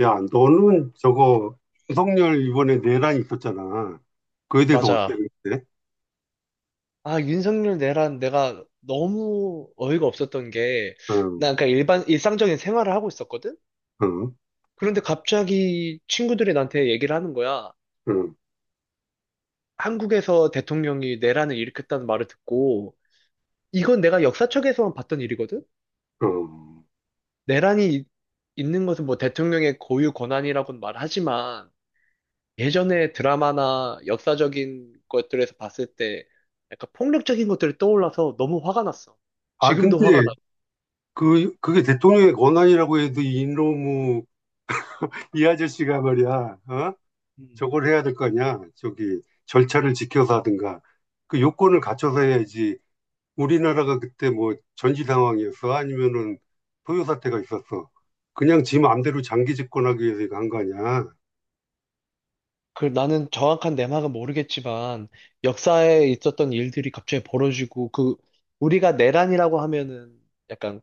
야, 너는 저거 윤석열 이번에 내란 있었잖아. 그에 대해서 어떻게 맞아. 생각해? 아, 윤석열 내란 내가 너무 어이가 없었던 게, 응, 난 그냥 일상적인 생활을 하고 있었거든? 응, 그런데 갑자기 친구들이 나한테 얘기를 하는 거야. 응, 한국에서 대통령이 내란을 일으켰다는 말을 듣고, 이건 내가 역사책에서만 봤던 일이거든? 응. 내란이 있는 것은 뭐 대통령의 고유 권한이라고는 말하지만, 예전에 드라마나 역사적인 것들에서 봤을 때, 약간 폭력적인 것들이 떠올라서 너무 화가 났어. 아, 지금도 근데 화가 나. 그게 대통령의 권한이라고 해도 이놈의 이 아저씨가 말이야, 어? 저걸 해야 될 거 아니야? 저기 절차를 지켜서 하든가. 그 요건을 갖춰서 해야지. 우리나라가 그때 뭐 전시 상황이었어? 아니면은 소요 사태가 있었어? 그냥 지 마음대로 장기 집권하기 위해서 이거 한 거 아니야? 그 나는 정확한 내막은 모르겠지만 역사에 있었던 일들이 갑자기 벌어지고 그 우리가 내란이라고 하면은 약간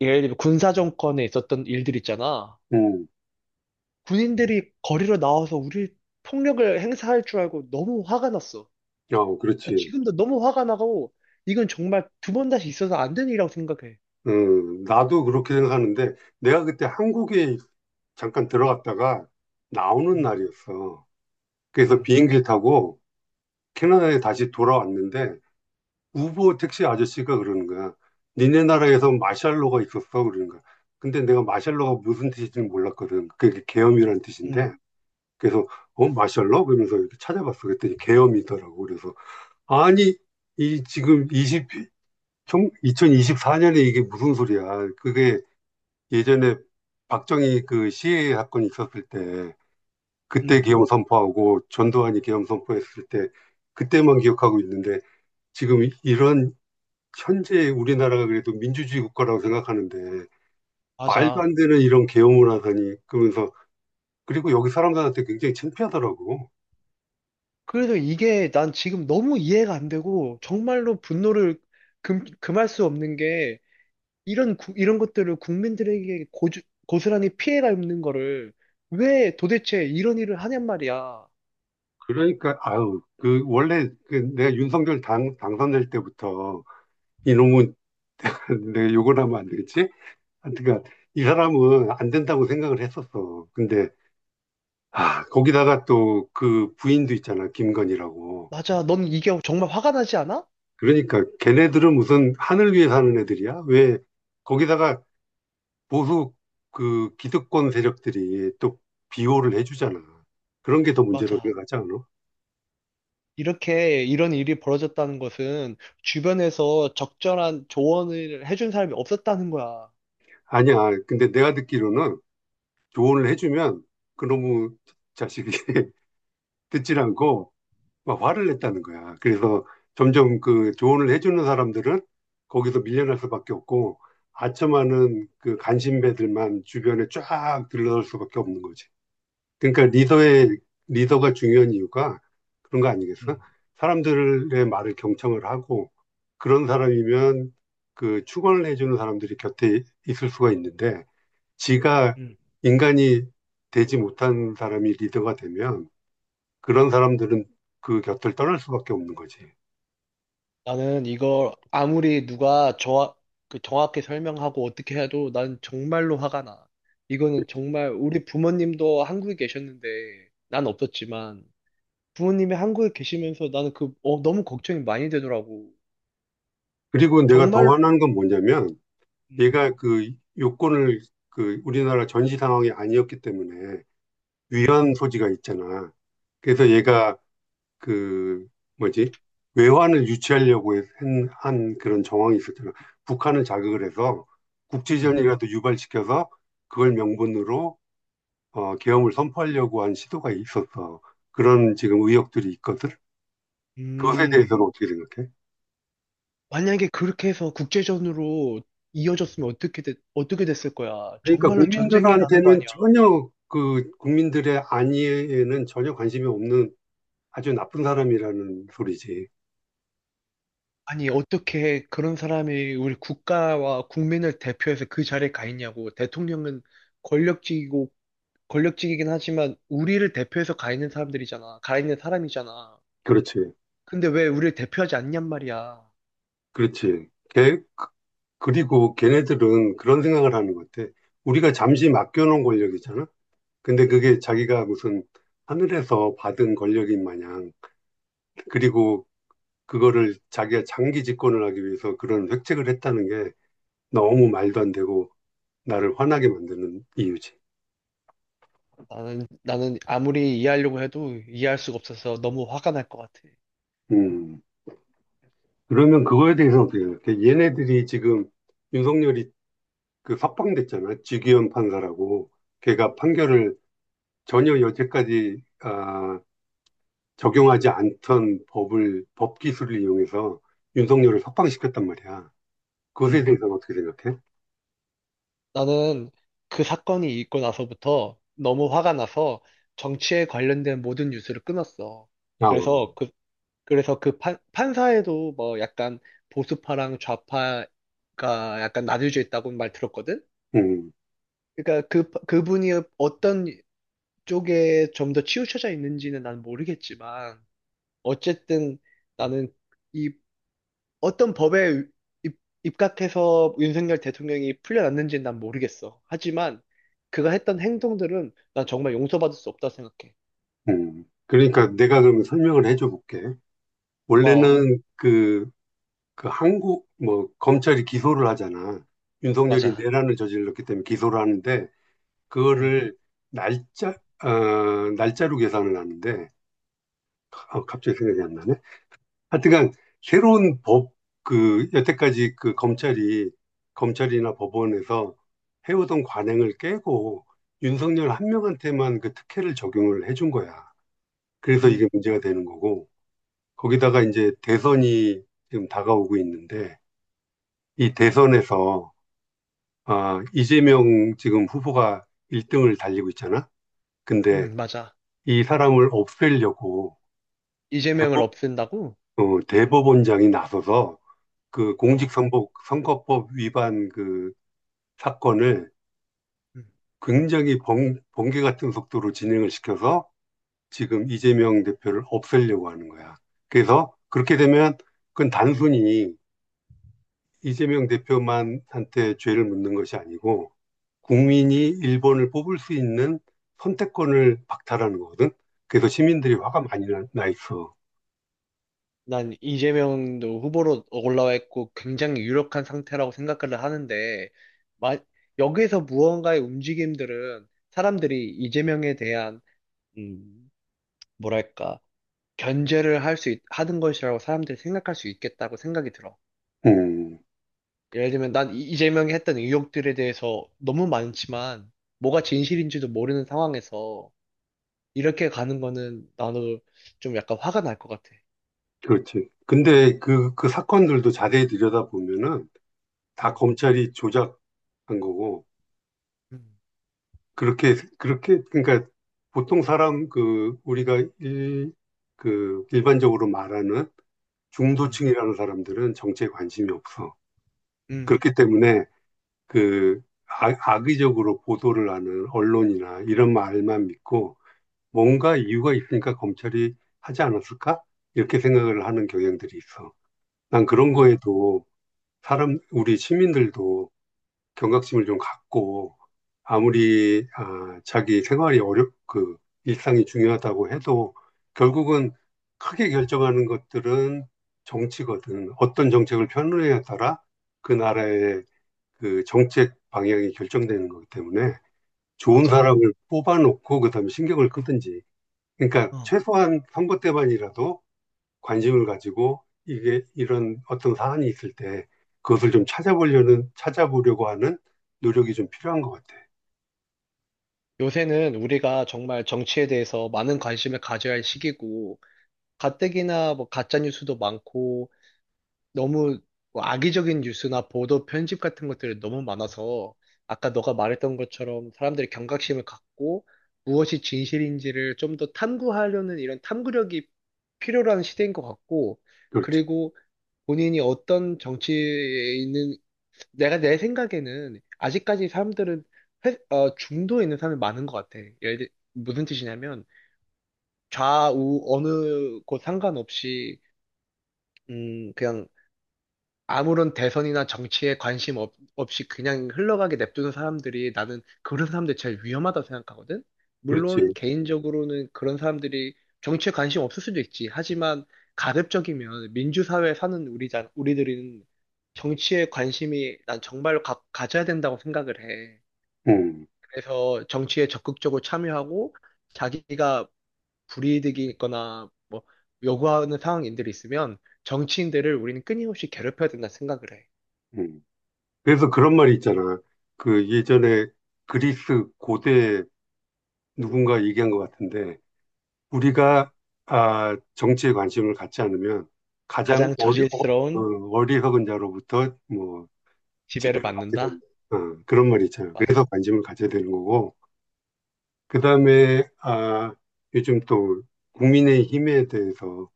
예를 들면 군사 정권에 있었던 일들 있잖아. 응. 군인들이 거리로 나와서 우리 폭력을 행사할 줄 알고 너무 화가 났어. 어, 아, 그렇지. 지금도 너무 화가 나고 이건 정말 두 번 다시 있어서 안 되는 일이라고 생각해. 나도 그렇게 생각하는데 내가 그때 한국에 잠깐 들어갔다가 나오는 음, 날이었어. 그래서 음, 비행기를 타고 캐나다에 다시 돌아왔는데 우버 택시 아저씨가 그러는 거야. 니네 나라에서 마샬로가 있었어 그러는 거야. 근데 내가 마샬로가 무슨 뜻인지는 몰랐거든. 그게 계엄이란 음, 뜻인데. 그래서 어, 마샬로? 그러면서 이렇게 찾아봤어. 그랬더니 계엄이더라고. 그래서 아니 이 지금 20 총 2024년에 이게 무슨 소리야. 그게 예전에 박정희 그 시해 사건이 있었을 때 그때 음, 계엄 선포하고 전두환이 계엄 선포했을 때 그때만 기억하고 있는데 지금 이- 런 현재 우리나라가 그래도 민주주의 국가라고 생각하는데 말도 맞아. 안 되는 이런 계엄을 하다니 그러면서. 그리고 여기 사람들한테 굉장히 창피하더라고. 그래서 이게 난 지금 너무 이해가 안 되고 정말로 분노를 금할 수 없는 게 이런 것들을 국민들에게 고스란히 피해가 있는 거를 왜 도대체 이런 일을 하냔 말이야. 그러니까 아유 그 원래 그 내가 윤석열 당 당선될 때부터 이놈은 내가 욕을 하면 안 되겠지? 하여튼간 이 사람은 안 된다고 생각을 했었어. 근데 아, 거기다가 또 그 부인도 있잖아, 김건희라고. 맞아. 넌 이게 정말 화가 나지 않아? 그러니까 걔네들은 무슨 하늘 위에 사는 애들이야? 왜 거기다가 보수 그 기득권 세력들이 또 비호를 해주잖아. 그런 게 더 문제고 맞아. 생각하지 않아? 이렇게 이런 일이 벌어졌다는 것은 주변에서 적절한 조언을 해준 사람이 없었다는 거야. 아니야. 근데 내가 듣기로는 조언을 해주면 그놈의 자식이 듣질 않고 막 화를 냈다는 거야. 그래서 점점 그 조언을 해주는 사람들은 거기서 밀려날 수밖에 없고 아첨하는 그 간신배들만 주변에 쫙 들러설 수밖에 없는 거지. 그러니까 리더의 리더가 중요한 이유가 그런 거 아니겠어? 음, 사람들의 말을 경청을 하고 그런 사람이면 그 축원을 해주는 사람들이 곁에 있을 수가 있는데 지가 음. 인간이 되지 못한 사람이 리더가 되면 그런 사람들은 그 곁을 떠날 수밖에 없는 거지. 나는 이걸 아무리 누가 저, 그 정확히 설명하고 어떻게 해도 난 정말로 화가 나. 이거는 정말 우리 부모님도 한국에 계셨는데 난 없었지만 부모님이 한국에 계시면서 나는 너무 걱정이 많이 되더라고. 그리고 내가 더 정말로. 화난 건 뭐냐면 음. 얘가 그 요건을, 그 우리나라 전시 상황이 아니었기 때문에 음. 위헌 소지가 있잖아. 그래서 음. 얘가 그 뭐지? 외환을 유치하려고 한, 그런 정황이 있었잖아. 북한을 자극을 해서 음. 국지전이라도 유발시켜서 그걸 명분으로 계엄을 선포하려고 한 시도가 있었어. 그런 지금 의혹들이 있거든. 그것에 음. 대해서는 어떻게 생각해? 만약에 그렇게 해서 국제전으로 이어졌으면 어떻게 됐을 거야? 그러니까 정말로 전쟁이 나는 거 국민들한테는 아니야? 전혀, 그 국민들의 안위에는 전혀 관심이 없는 아주 나쁜 사람이라는 소리지. 아니, 어떻게 그런 사람이 우리 국가와 국민을 대표해서 그 자리에 가 있냐고. 대통령은 권력직이고, 권력직이긴 하지만, 우리를 대표해서 가 있는 사람들이잖아. 가 있는 사람이잖아. 그렇지. 근데 왜 우리를 대표하지 않냔 말이야. 그렇지. 그리고 걔네들은 그런 생각을 하는 것 같아. 우리가 잠시 맡겨놓은 권력이잖아? 근데 그게 자기가 무슨 하늘에서 받은 권력인 마냥, 그리고 그거를 자기가 장기 집권을 하기 위해서 그런 획책을 했다는 게 너무 말도 안 되고 나를 화나게 만드는 이유지. 나는 아무리 이해하려고 해도 이해할 수가 없어서 너무 화가 날 것 같아. 음. 그러면 그거에 대해서 어떻게 생각해? 얘네들이 지금 윤석열이 그 석방됐잖아. 주기현 판사라고. 걔가 판결을 전혀 여태까지 적용하지 않던 법을, 법 기술을 이용해서 윤석열을 석방시켰단 말이야. 음. 그것에 대해서는 어떻게 생각해? 나는 그 사건이 있고 나서부터 너무 화가 나서 정치에 관련된 모든 뉴스를 끊었어. 아, 그래서 그래서 그 판사에도 뭐 약간 보수파랑 좌파가 약간 나뉘어져 있다고 말 들었거든? 음, 그러니까 그분이 어떤 쪽에 좀 더 치우쳐져 있는지는 난 모르겠지만, 어쨌든 나는 이 어떤 법에 입, 입각해서 윤석열 대통령이 풀려났는지는 난 모르겠어. 하지만 그가 했던 행동들은 난 정말 용서받을 수 없다 생각해. 그러니까 내가 그러면 설명을 해줘 볼게. 고마워. 원래는 그 한국, 뭐, 검찰이 기소를 하잖아. 윤석열이 맞아. 내란을 저질렀기 때문에 기소를 하는데 응, 그거를 날짜, 어, 날짜로 계산을 하는데, 아, 갑자기 생각이 안 나네. 하여튼간, 새로운 법, 그, 여태까지 그 검찰이나 법원에서 해오던 관행을 깨고, 윤석열 한 명한테만 그 특혜를 적용을 해준 거야. 그래서 이게 응, 문제가 되는 거고, 거기다가 이제 대선이 지금 다가오고 있는데, 이 대선에서, 아, 이재명 지금 후보가 1등을 달리고 있잖아? 근데 응, 맞아. 이 사람을 없애려고 이재명을 대법, 없앤다고? 대법원장이 나서서 그 어. 공직선거 선거법 위반 그 사건을 음, 굉장히 번개 같은 속도로 진행을 시켜서 지금 이재명 대표를 없애려고 하는 거야. 그래서 그렇게 되면 그건 단순히 이재명 대표만한테 죄를 묻는 것이 아니고 국민이 일본을 뽑을 수 있는 선택권을 박탈하는 거거든. 그래서 시민들이 음. 화가 많이 나 있어. 난 이재명도 후보로 올라와 있고 굉장히 유력한 상태라고 생각을 하는데, 마, 여기에서 무언가의 움직임들은 사람들이 이재명에 대한, 음, 뭐랄까, 견제를 하는 것이라고 사람들이 생각할 수 있겠다고 생각이 들어. 음. 예를 들면 난 이재명이 했던 의혹들에 대해서 너무 많지만 뭐가 진실인지도 모르는 상황에서 이렇게 가는 거는 나도 좀 약간 화가 날 것 같아. 그렇지. 근데 그, 그 사건들도 자세히 들여다보면은 다 음, 검찰이 조작한 거고, 음, 그렇게, 그러니까 보통 사람, 그, 우리가 일, 그, 일반적으로 말하는 음, 중도층이라는 사람들은 정치에 관심이 없어. 음, 그렇기 때문에 그 악의적으로 보도를 하는 언론이나 이런 말만 믿고 뭔가 이유가 있으니까 검찰이 하지 않았을까 이렇게 생각을 하는 경향들이 있어. 난 그런 음, 거에도 사람, 우리 시민들도 경각심을 좀 갖고 아무리 자기 생활이 어렵, 그 일상이 중요하다고 해도 결국은 크게 결정하는 것들은 정치거든. 어떤 정책을 펴느냐에 따라 그 나라의 그 정책 방향이 결정되는 거기 때문에 좋은 맞아. 사람을 뽑아놓고 그다음에 신경을 끄든지. 그러니까 어, 최소한 선거 때만이라도 관심을 가지고, 이게 이런 어떤 사안이 있을 때 그것을 좀 찾아보려는 찾아보려고 하는 노력이 좀 필요한 것 같아. 요새는 우리가 정말 정치에 대해서 많은 관심을 가져야 할 시기고 가뜩이나 뭐 가짜 뉴스도 많고 너무 뭐 악의적인 뉴스나 보도 편집 같은 것들이 너무 많아서 아까 너가 말했던 것처럼 사람들이 경각심을 갖고 무엇이 진실인지를 좀 더 탐구하려는 이런 탐구력이 필요한 시대인 것 같고 그렇지, 그리고 본인이 어떤 정치에 있는 내가 내 생각에는 아직까지 사람들은 중도에 있는 사람이 많은 것 같아. 무슨 뜻이냐면 좌우 어느 곳 상관없이 그냥 아무런 대선이나 정치에 관심 없이 그냥 흘러가게 냅두는 사람들이 나는 그런 사람들 제일 위험하다고 생각하거든? 물론 그렇지. 개인적으로는 그런 사람들이 정치에 관심 없을 수도 있지. 하지만 가급적이면 민주사회에 사는 우리들은 정치에 관심이 난 정말로 가져야 된다고 생각을 해. 음, 그래서 정치에 적극적으로 참여하고 자기가 불이익이 있거나 뭐 요구하는 상황인들이 있으면 정치인들을 우리는 끊임없이 괴롭혀야 된다 생각을 해. 음. 그래서 그런 말이 있잖아. 그 예전에 그리스 고대 누군가 얘기한 것 같은데 우리가 정치에 관심을 갖지 않으면 가장 가장 어리, 어, 어, 저질스러운 어리석은 자로부터 뭐 지배를 지배를 받게 받는다? 된다. 어, 그런 말이 있잖아요. 맞아. 그래서 관심을 가져야 되는 거고. 그다음에 아, 요즘 또 국민의힘에 대해서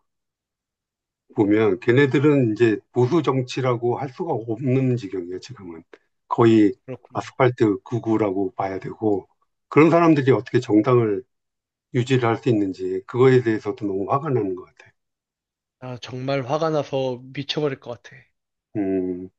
보면 걔네들은 이제 보수 정치라고 할 수가 없는 지경이에요, 지금은. 거의 그렇구나. 아스팔트 구구라고 봐야 되고, 그런 사람들이 어떻게 정당을 유지를 할 수 있는지 그거에 대해서도 너무 화가 나는 것 같아요. 아, 정말 화가 나서 미쳐버릴 것 같아. 음.